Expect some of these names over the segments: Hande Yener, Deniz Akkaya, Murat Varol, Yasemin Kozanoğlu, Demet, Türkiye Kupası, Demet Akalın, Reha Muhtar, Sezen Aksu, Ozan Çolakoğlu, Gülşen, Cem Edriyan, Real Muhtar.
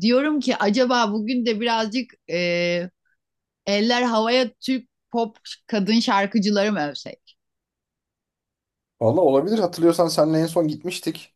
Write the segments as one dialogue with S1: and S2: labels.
S1: Diyorum ki acaba bugün de birazcık eller havaya Türk pop kadın şarkıcıları mı övsek?
S2: Valla olabilir. Hatırlıyorsan seninle en son gitmiştik.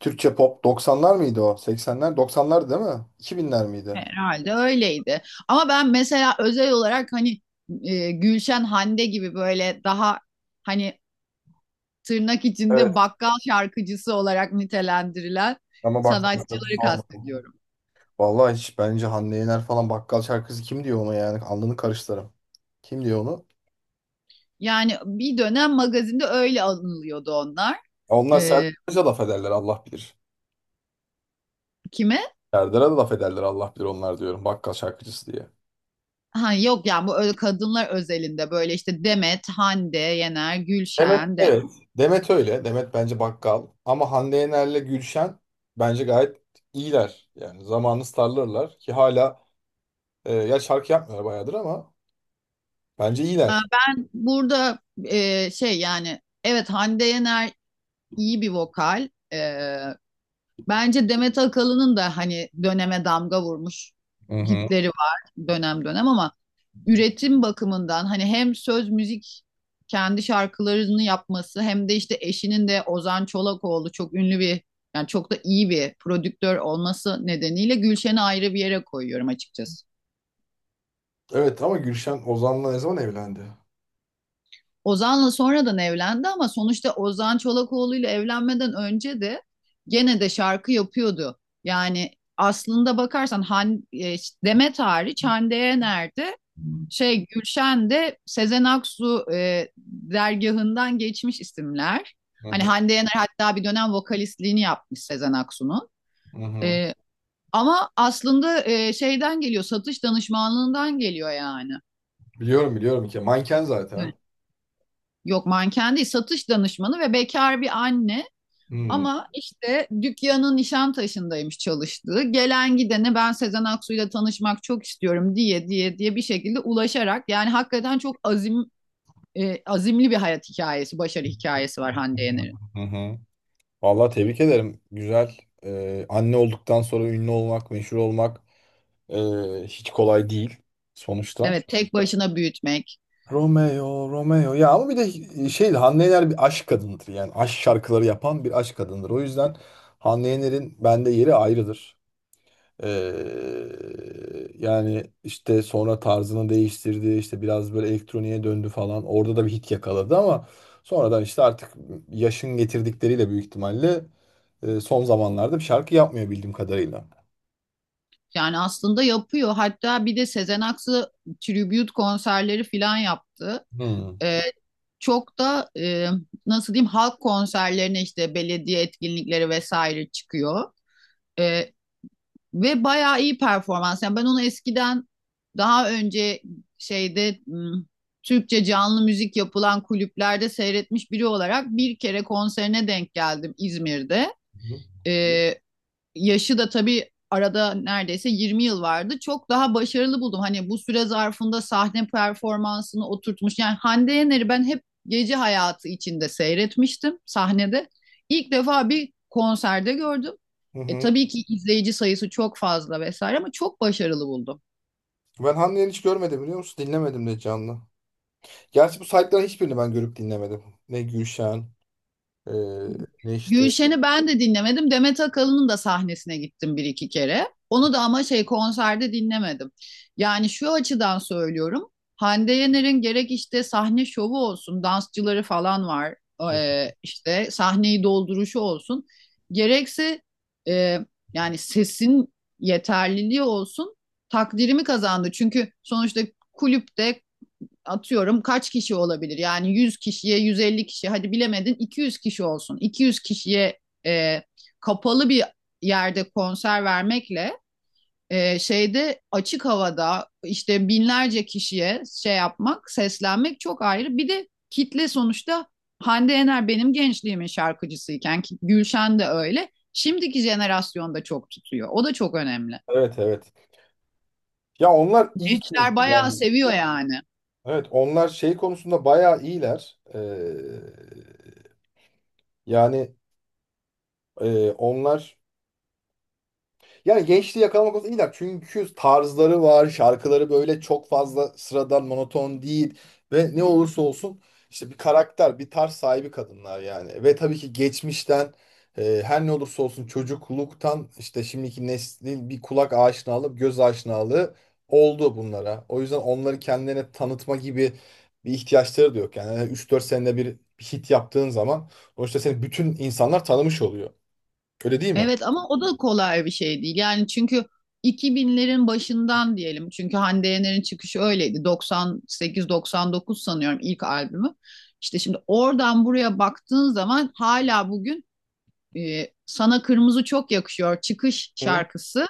S2: Türkçe pop 90'lar mıydı o? 80'ler 90'lar değil mi? 2000'ler miydi?
S1: Herhalde öyleydi. Ama ben mesela özel olarak Gülşen Hande gibi böyle daha hani tırnak içinde
S2: Evet.
S1: bakkal şarkıcısı olarak nitelendirilen
S2: Ama bak.
S1: sanatçıları kastediyorum.
S2: Vallahi hiç bence Hande Yener falan bakkal şarkısı, kim diyor onu yani? Alnını karıştırırım. Kim diyor onu?
S1: Yani bir dönem magazinde öyle anılıyordu onlar.
S2: Ya onlar Serdar'a
S1: E,
S2: Azize laf ederler Allah bilir.
S1: kime?
S2: Serdar'a da laf ederler Allah bilir onlar, diyorum bakkal şarkıcısı diye.
S1: Ha yok, yani bu öyle kadınlar özelinde, böyle işte Demet, Hande, Yener,
S2: Demet.
S1: Gülşen de.
S2: Evet. Demet öyle. Demet bence bakkal. Ama Hande Yener'le Gülşen bence gayet iyiler. Yani zamanı starlarlar ki hala, ya şarkı yapmıyor bayağıdır ama bence
S1: Ha,
S2: iyiler.
S1: ben burada yani evet, Hande Yener iyi bir vokal. Bence Demet Akalın'ın da hani döneme damga vurmuş
S2: Hı hı.
S1: hitleri var dönem dönem, ama üretim bakımından hani hem söz müzik kendi şarkılarını yapması, hem de işte eşinin de Ozan Çolakoğlu çok ünlü bir, yani çok da iyi bir prodüktör olması nedeniyle Gülşen'i ayrı bir yere koyuyorum açıkçası.
S2: Evet ama Gülşen Ozan'la ne zaman evlendi?
S1: Ozan'la sonradan evlendi ama sonuçta Ozan Çolakoğlu ile evlenmeden önce de gene de şarkı yapıyordu. Yani aslında bakarsan Demet hariç Hande Yener'de, Gülşen de Sezen Aksu dergahından geçmiş isimler.
S2: Hı
S1: Hani
S2: hı.
S1: Hande Yener hatta bir dönem vokalistliğini yapmış Sezen Aksu'nun.
S2: Hı hı.
S1: E, ama aslında e, şeyden geliyor, satış danışmanlığından geliyor yani.
S2: Biliyorum, biliyorum ki manken zaten.
S1: Evet. Yok manken değil, satış danışmanı ve bekar bir anne.
S2: Hmm.
S1: Ama işte dükkanın Nişantaşı'ndaymış çalıştığı. Gelen gidene ben Sezen Aksu'yla tanışmak çok istiyorum diye diye diye bir şekilde ulaşarak yani hakikaten çok azimli bir hayat hikayesi, başarı hikayesi var Hande Yener'in.
S2: Hı hı. Vallahi tebrik ederim. Güzel. Anne olduktan sonra ünlü olmak, meşhur olmak ee, hiç kolay değil sonuçta.
S1: Evet, tek başına büyütmek.
S2: Romeo, Romeo. Ya ama bir de şey, Hande Yener bir aşk kadındır. Yani aşk şarkıları yapan bir aşk kadındır. O yüzden Hande Yener'in bende yeri ayrıdır. Ee, yani işte sonra tarzını değiştirdi, işte biraz böyle elektroniğe döndü falan, orada da bir hit yakaladı ama sonradan işte artık yaşın getirdikleriyle büyük ihtimalle son zamanlarda bir şarkı yapmıyor bildiğim kadarıyla.
S1: Yani aslında yapıyor. Hatta bir de Sezen Aksu tribute konserleri falan yaptı.
S2: Hmm.
S1: Ee, çok da nasıl diyeyim, halk konserlerine, işte belediye etkinlikleri vesaire çıkıyor. Ee, Ve bayağı iyi performans. Yani ben onu eskiden, daha önce, şeyde m, Türkçe canlı müzik yapılan kulüplerde seyretmiş biri olarak bir kere konserine denk geldim İzmir'de. Ee, yaşı da tabii arada neredeyse 20 yıl vardı. Çok daha başarılı buldum. Hani bu süre zarfında sahne performansını oturtmuş. Yani Hande Yener'i ben hep gece hayatı içinde seyretmiştim sahnede. İlk defa bir konserde gördüm.
S2: Hı
S1: E,
S2: hı.
S1: tabii ki izleyici sayısı çok fazla vesaire ama çok başarılı buldum.
S2: Ben Haniye'ni hiç görmedim, biliyor musun? Dinlemedim de canlı. Gerçi bu saytların hiçbirini ben görüp dinlemedim. Ne Gülşen, e, ne işte.
S1: Gülşen'i ben de dinlemedim. Demet Akalın'ın da sahnesine gittim bir iki kere. Onu da ama şey konserde dinlemedim. Yani şu açıdan söylüyorum. Hande Yener'in gerek işte sahne şovu olsun, dansçıları falan var.
S2: Hı.
S1: İşte sahneyi dolduruşu olsun, gerekse e, yani sesin yeterliliği olsun, takdirimi kazandı. Çünkü sonuçta kulüpte atıyorum kaç kişi olabilir? Yani 100 kişiye, 150 kişi, hadi bilemedin 200 kişi olsun. 200 kişiye e, kapalı bir yerde konser vermekle, şeyde açık havada işte binlerce kişiye şey yapmak, seslenmek çok ayrı. Bir de kitle sonuçta Hande Yener benim gençliğimin şarkıcısıyken Gülşen de öyle. Şimdiki jenerasyonda çok tutuyor. O da çok önemli.
S2: Evet, evet. Ya onlar iyi ki.
S1: Gençler bayağı seviyor yani.
S2: Evet, onlar şey konusunda bayağı iyiler. Yani e, onlar Yani gençliği yakalamak konusunda iyiler. Çünkü tarzları var, şarkıları böyle çok fazla sıradan, monoton değil. Ve ne olursa olsun işte bir karakter, bir tarz sahibi kadınlar yani. Ve tabii ki geçmişten, her ne olursa olsun çocukluktan işte şimdiki neslin bir kulak aşinalığı, göz aşinalığı oldu bunlara. O yüzden onları kendilerine tanıtma gibi bir ihtiyaçları da yok. Yani üç dört senede bir hit yaptığın zaman sonuçta seni bütün insanlar tanımış oluyor. Öyle değil mi?
S1: Evet, ama o da kolay bir şey değil. Yani çünkü 2000'lerin başından diyelim. Çünkü Hande Yener'in çıkışı öyleydi. 98-99 sanıyorum ilk albümü. İşte şimdi oradan buraya baktığın zaman hala bugün Sana Kırmızı Çok Yakışıyor çıkış
S2: Hı,
S1: şarkısı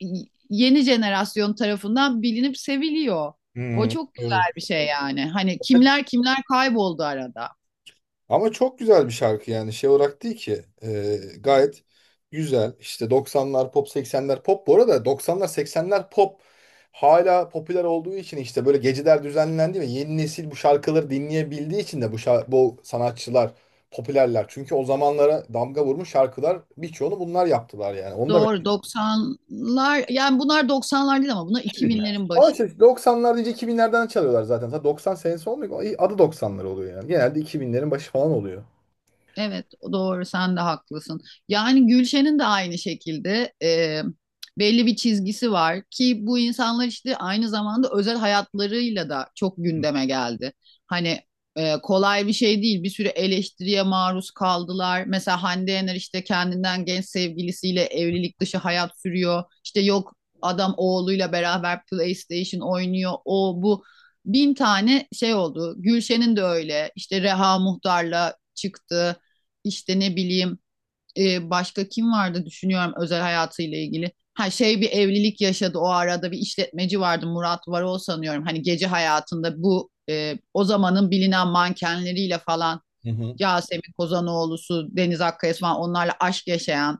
S1: yeni jenerasyon tarafından bilinip seviliyor. O
S2: hı,
S1: çok
S2: doğru.
S1: güzel bir şey yani. Hani kimler kimler kayboldu arada.
S2: Ama çok güzel bir şarkı yani, şey olarak değil ki. Gayet güzel işte, 90'lar pop, 80'ler pop, bu arada 90'lar 80'ler pop hala popüler olduğu için işte böyle geceler düzenlendi ve yeni nesil bu şarkıları dinleyebildiği için de bu sanatçılar popülerler. Çünkü o zamanlara damga vurmuş şarkılar, birçoğunu bunlar yaptılar, yani onu da ben...
S1: Doğru, 90'lar, yani bunlar 90'lar değil ama bunlar
S2: 2000'ler.
S1: 2000'lerin başı.
S2: Oysa 90'lar deyince 2000'lerden çalıyorlar zaten. Zaten 90 senesi olmuyor. Adı 90'lar oluyor yani. Genelde 2000'lerin başı falan oluyor.
S1: Evet, doğru, sen de haklısın. Yani Gülşen'in de aynı şekilde belli bir çizgisi var ki bu insanlar işte aynı zamanda özel hayatlarıyla da çok gündeme geldi. Hani kolay bir şey değil. Bir sürü eleştiriye maruz kaldılar. Mesela Hande Yener işte kendinden genç sevgilisiyle evlilik dışı hayat sürüyor, İşte yok adam oğluyla beraber PlayStation oynuyor. O bu bin tane şey oldu. Gülşen'in de öyle. İşte Reha Muhtar'la çıktı, işte ne bileyim, başka kim vardı düşünüyorum özel hayatıyla ilgili. Ha şey, bir evlilik yaşadı o arada, bir işletmeci vardı, Murat Varol sanıyorum. Hani gece hayatında bu o zamanın bilinen mankenleriyle falan,
S2: Hı hı.
S1: Yasemin Kozanoğlu'su, Deniz Akkaya'sı falan, onlarla aşk yaşayan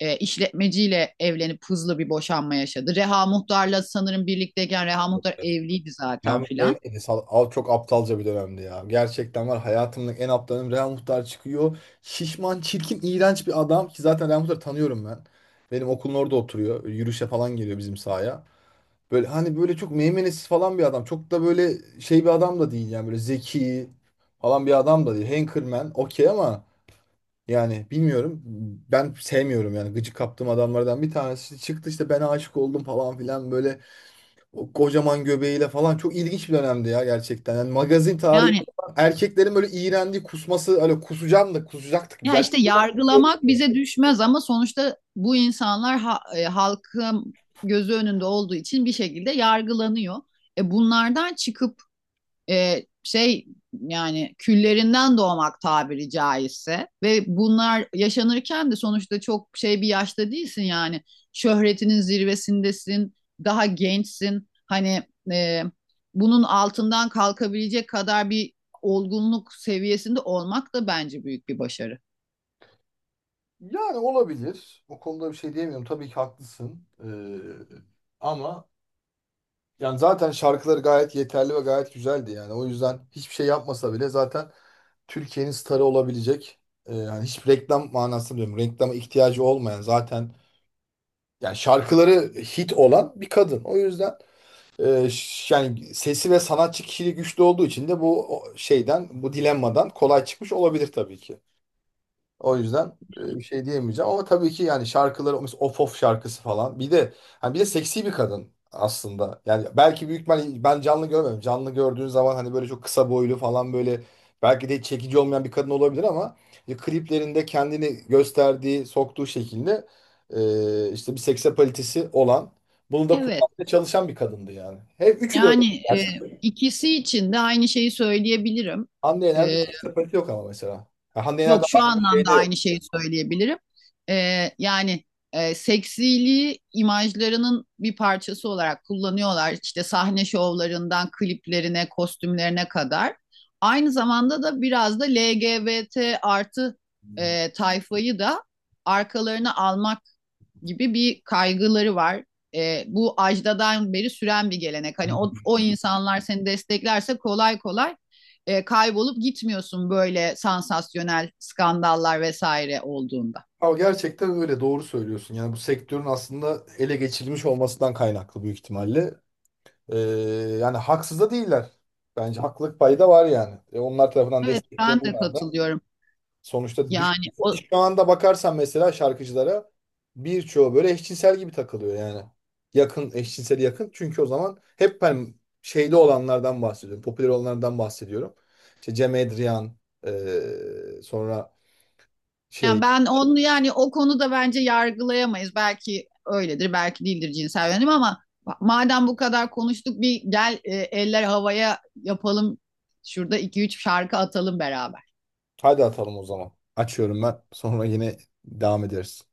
S1: işletmeciyle evlenip hızlı bir boşanma yaşadı. Reha Muhtar'la sanırım birlikteyken Reha Muhtar evliydi
S2: Real
S1: zaten
S2: Madrid
S1: filan.
S2: evdeydi. Çok aptalca bir dönemdi ya. Gerçekten var hayatımın en aptalım. Real Muhtar çıkıyor. Şişman, çirkin, iğrenç bir adam ki zaten Real Muhtar'ı tanıyorum ben. Benim okulun orada oturuyor. Yürüyüşe falan geliyor bizim sahaya. Böyle hani böyle çok meymenesiz falan bir adam. Çok da böyle şey bir adam da değil yani, böyle zeki falan bir adam da değil. Hankerman okey ama yani bilmiyorum. Ben sevmiyorum, yani gıcık kaptığım adamlardan bir tanesi. İşte çıktı işte, ben aşık oldum falan filan, böyle o kocaman göbeğiyle falan, çok ilginç bir dönemdi ya gerçekten. Yani magazin tarihi,
S1: Yani
S2: erkeklerin böyle iğrendiği kusması, öyle kusacağım da kusacaktık biz
S1: ya
S2: erkek.
S1: işte yargılamak bize düşmez ama sonuçta bu insanlar halkın gözü önünde olduğu için bir şekilde yargılanıyor. E, bunlardan çıkıp e, şey yani küllerinden doğmak tabiri caizse, ve bunlar yaşanırken de sonuçta çok şey bir yaşta değilsin, yani şöhretinin zirvesindesin, daha gençsin, hani e, bunun altından kalkabilecek kadar bir olgunluk seviyesinde olmak da bence büyük bir başarı.
S2: Yani olabilir. O konuda bir şey diyemiyorum. Tabii ki haklısın. Ama yani zaten şarkıları gayet yeterli ve gayet güzeldi yani. O yüzden hiçbir şey yapmasa bile zaten Türkiye'nin starı olabilecek. Yani hiç reklam manası diyorum. Reklama ihtiyacı olmayan zaten, yani şarkıları hit olan bir kadın. O yüzden... Yani sesi ve sanatçı kişiliği güçlü olduğu için de bu şeyden, bu dilemmadan kolay çıkmış olabilir tabii ki. O yüzden bir şey diyemeyeceğim ama tabii ki yani şarkıları, mesela Of Of şarkısı falan. Bir de hani, bir de seksi bir kadın aslında. Yani belki büyük, ben canlı görmedim. Canlı gördüğün zaman hani böyle çok kısa boylu falan, böyle belki de hiç çekici olmayan bir kadın olabilir ama işte kliplerinde kendini gösterdiği, soktuğu şekilde işte bir seks apalitesi olan, bunu da
S1: Evet,
S2: kullanmaya çalışan bir kadındı yani. Hep üçü de öyle
S1: yani e,
S2: gerçekten.
S1: ikisi için de aynı şeyi söyleyebilirim.
S2: Hande Yener'de
S1: E,
S2: seks apaliti yok ama mesela. Ha, Hande Yener'de
S1: yok
S2: var
S1: şu
S2: mı?
S1: anlamda
S2: Şeyde
S1: aynı şeyi söyleyebilirim. Ee, yani seksiliği imajlarının bir parçası olarak kullanıyorlar. İşte sahne şovlarından kliplerine, kostümlerine kadar. Aynı zamanda da biraz da LGBT artı tayfayı da arkalarına almak gibi bir kaygıları var. E, bu ajdadan beri süren bir gelenek. Hani
S2: yok.
S1: o insanlar seni desteklerse kolay kolay kaybolup gitmiyorsun, böyle sansasyonel skandallar vesaire olduğunda.
S2: Ama gerçekten öyle, doğru söylüyorsun. Yani bu sektörün aslında ele geçirilmiş olmasından kaynaklı büyük ihtimalle. Ee, yani haksız da değiller. Bence haklılık payı da var yani. Onlar tarafından
S1: Evet, ben de
S2: destekleniyorlar da.
S1: katılıyorum.
S2: Sonuçta
S1: Yani
S2: düşmüyor.
S1: o
S2: Şu anda bakarsan mesela şarkıcılara, birçoğu böyle eşcinsel gibi takılıyor yani. Yakın, eşcinseli yakın. Çünkü o zaman hep ben şeyli olanlardan bahsediyorum. Popüler olanlardan bahsediyorum. İşte Cem Edriyan, sonra
S1: yani
S2: şey.
S1: ben onu, yani o konuda bence yargılayamayız. Belki öyledir, belki değildir cinsel yönelim, ama madem bu kadar konuştuk bir gel eller havaya yapalım. Şurada iki üç şarkı atalım beraber.
S2: Hadi atalım o zaman. Açıyorum ben. Sonra yine devam ederiz.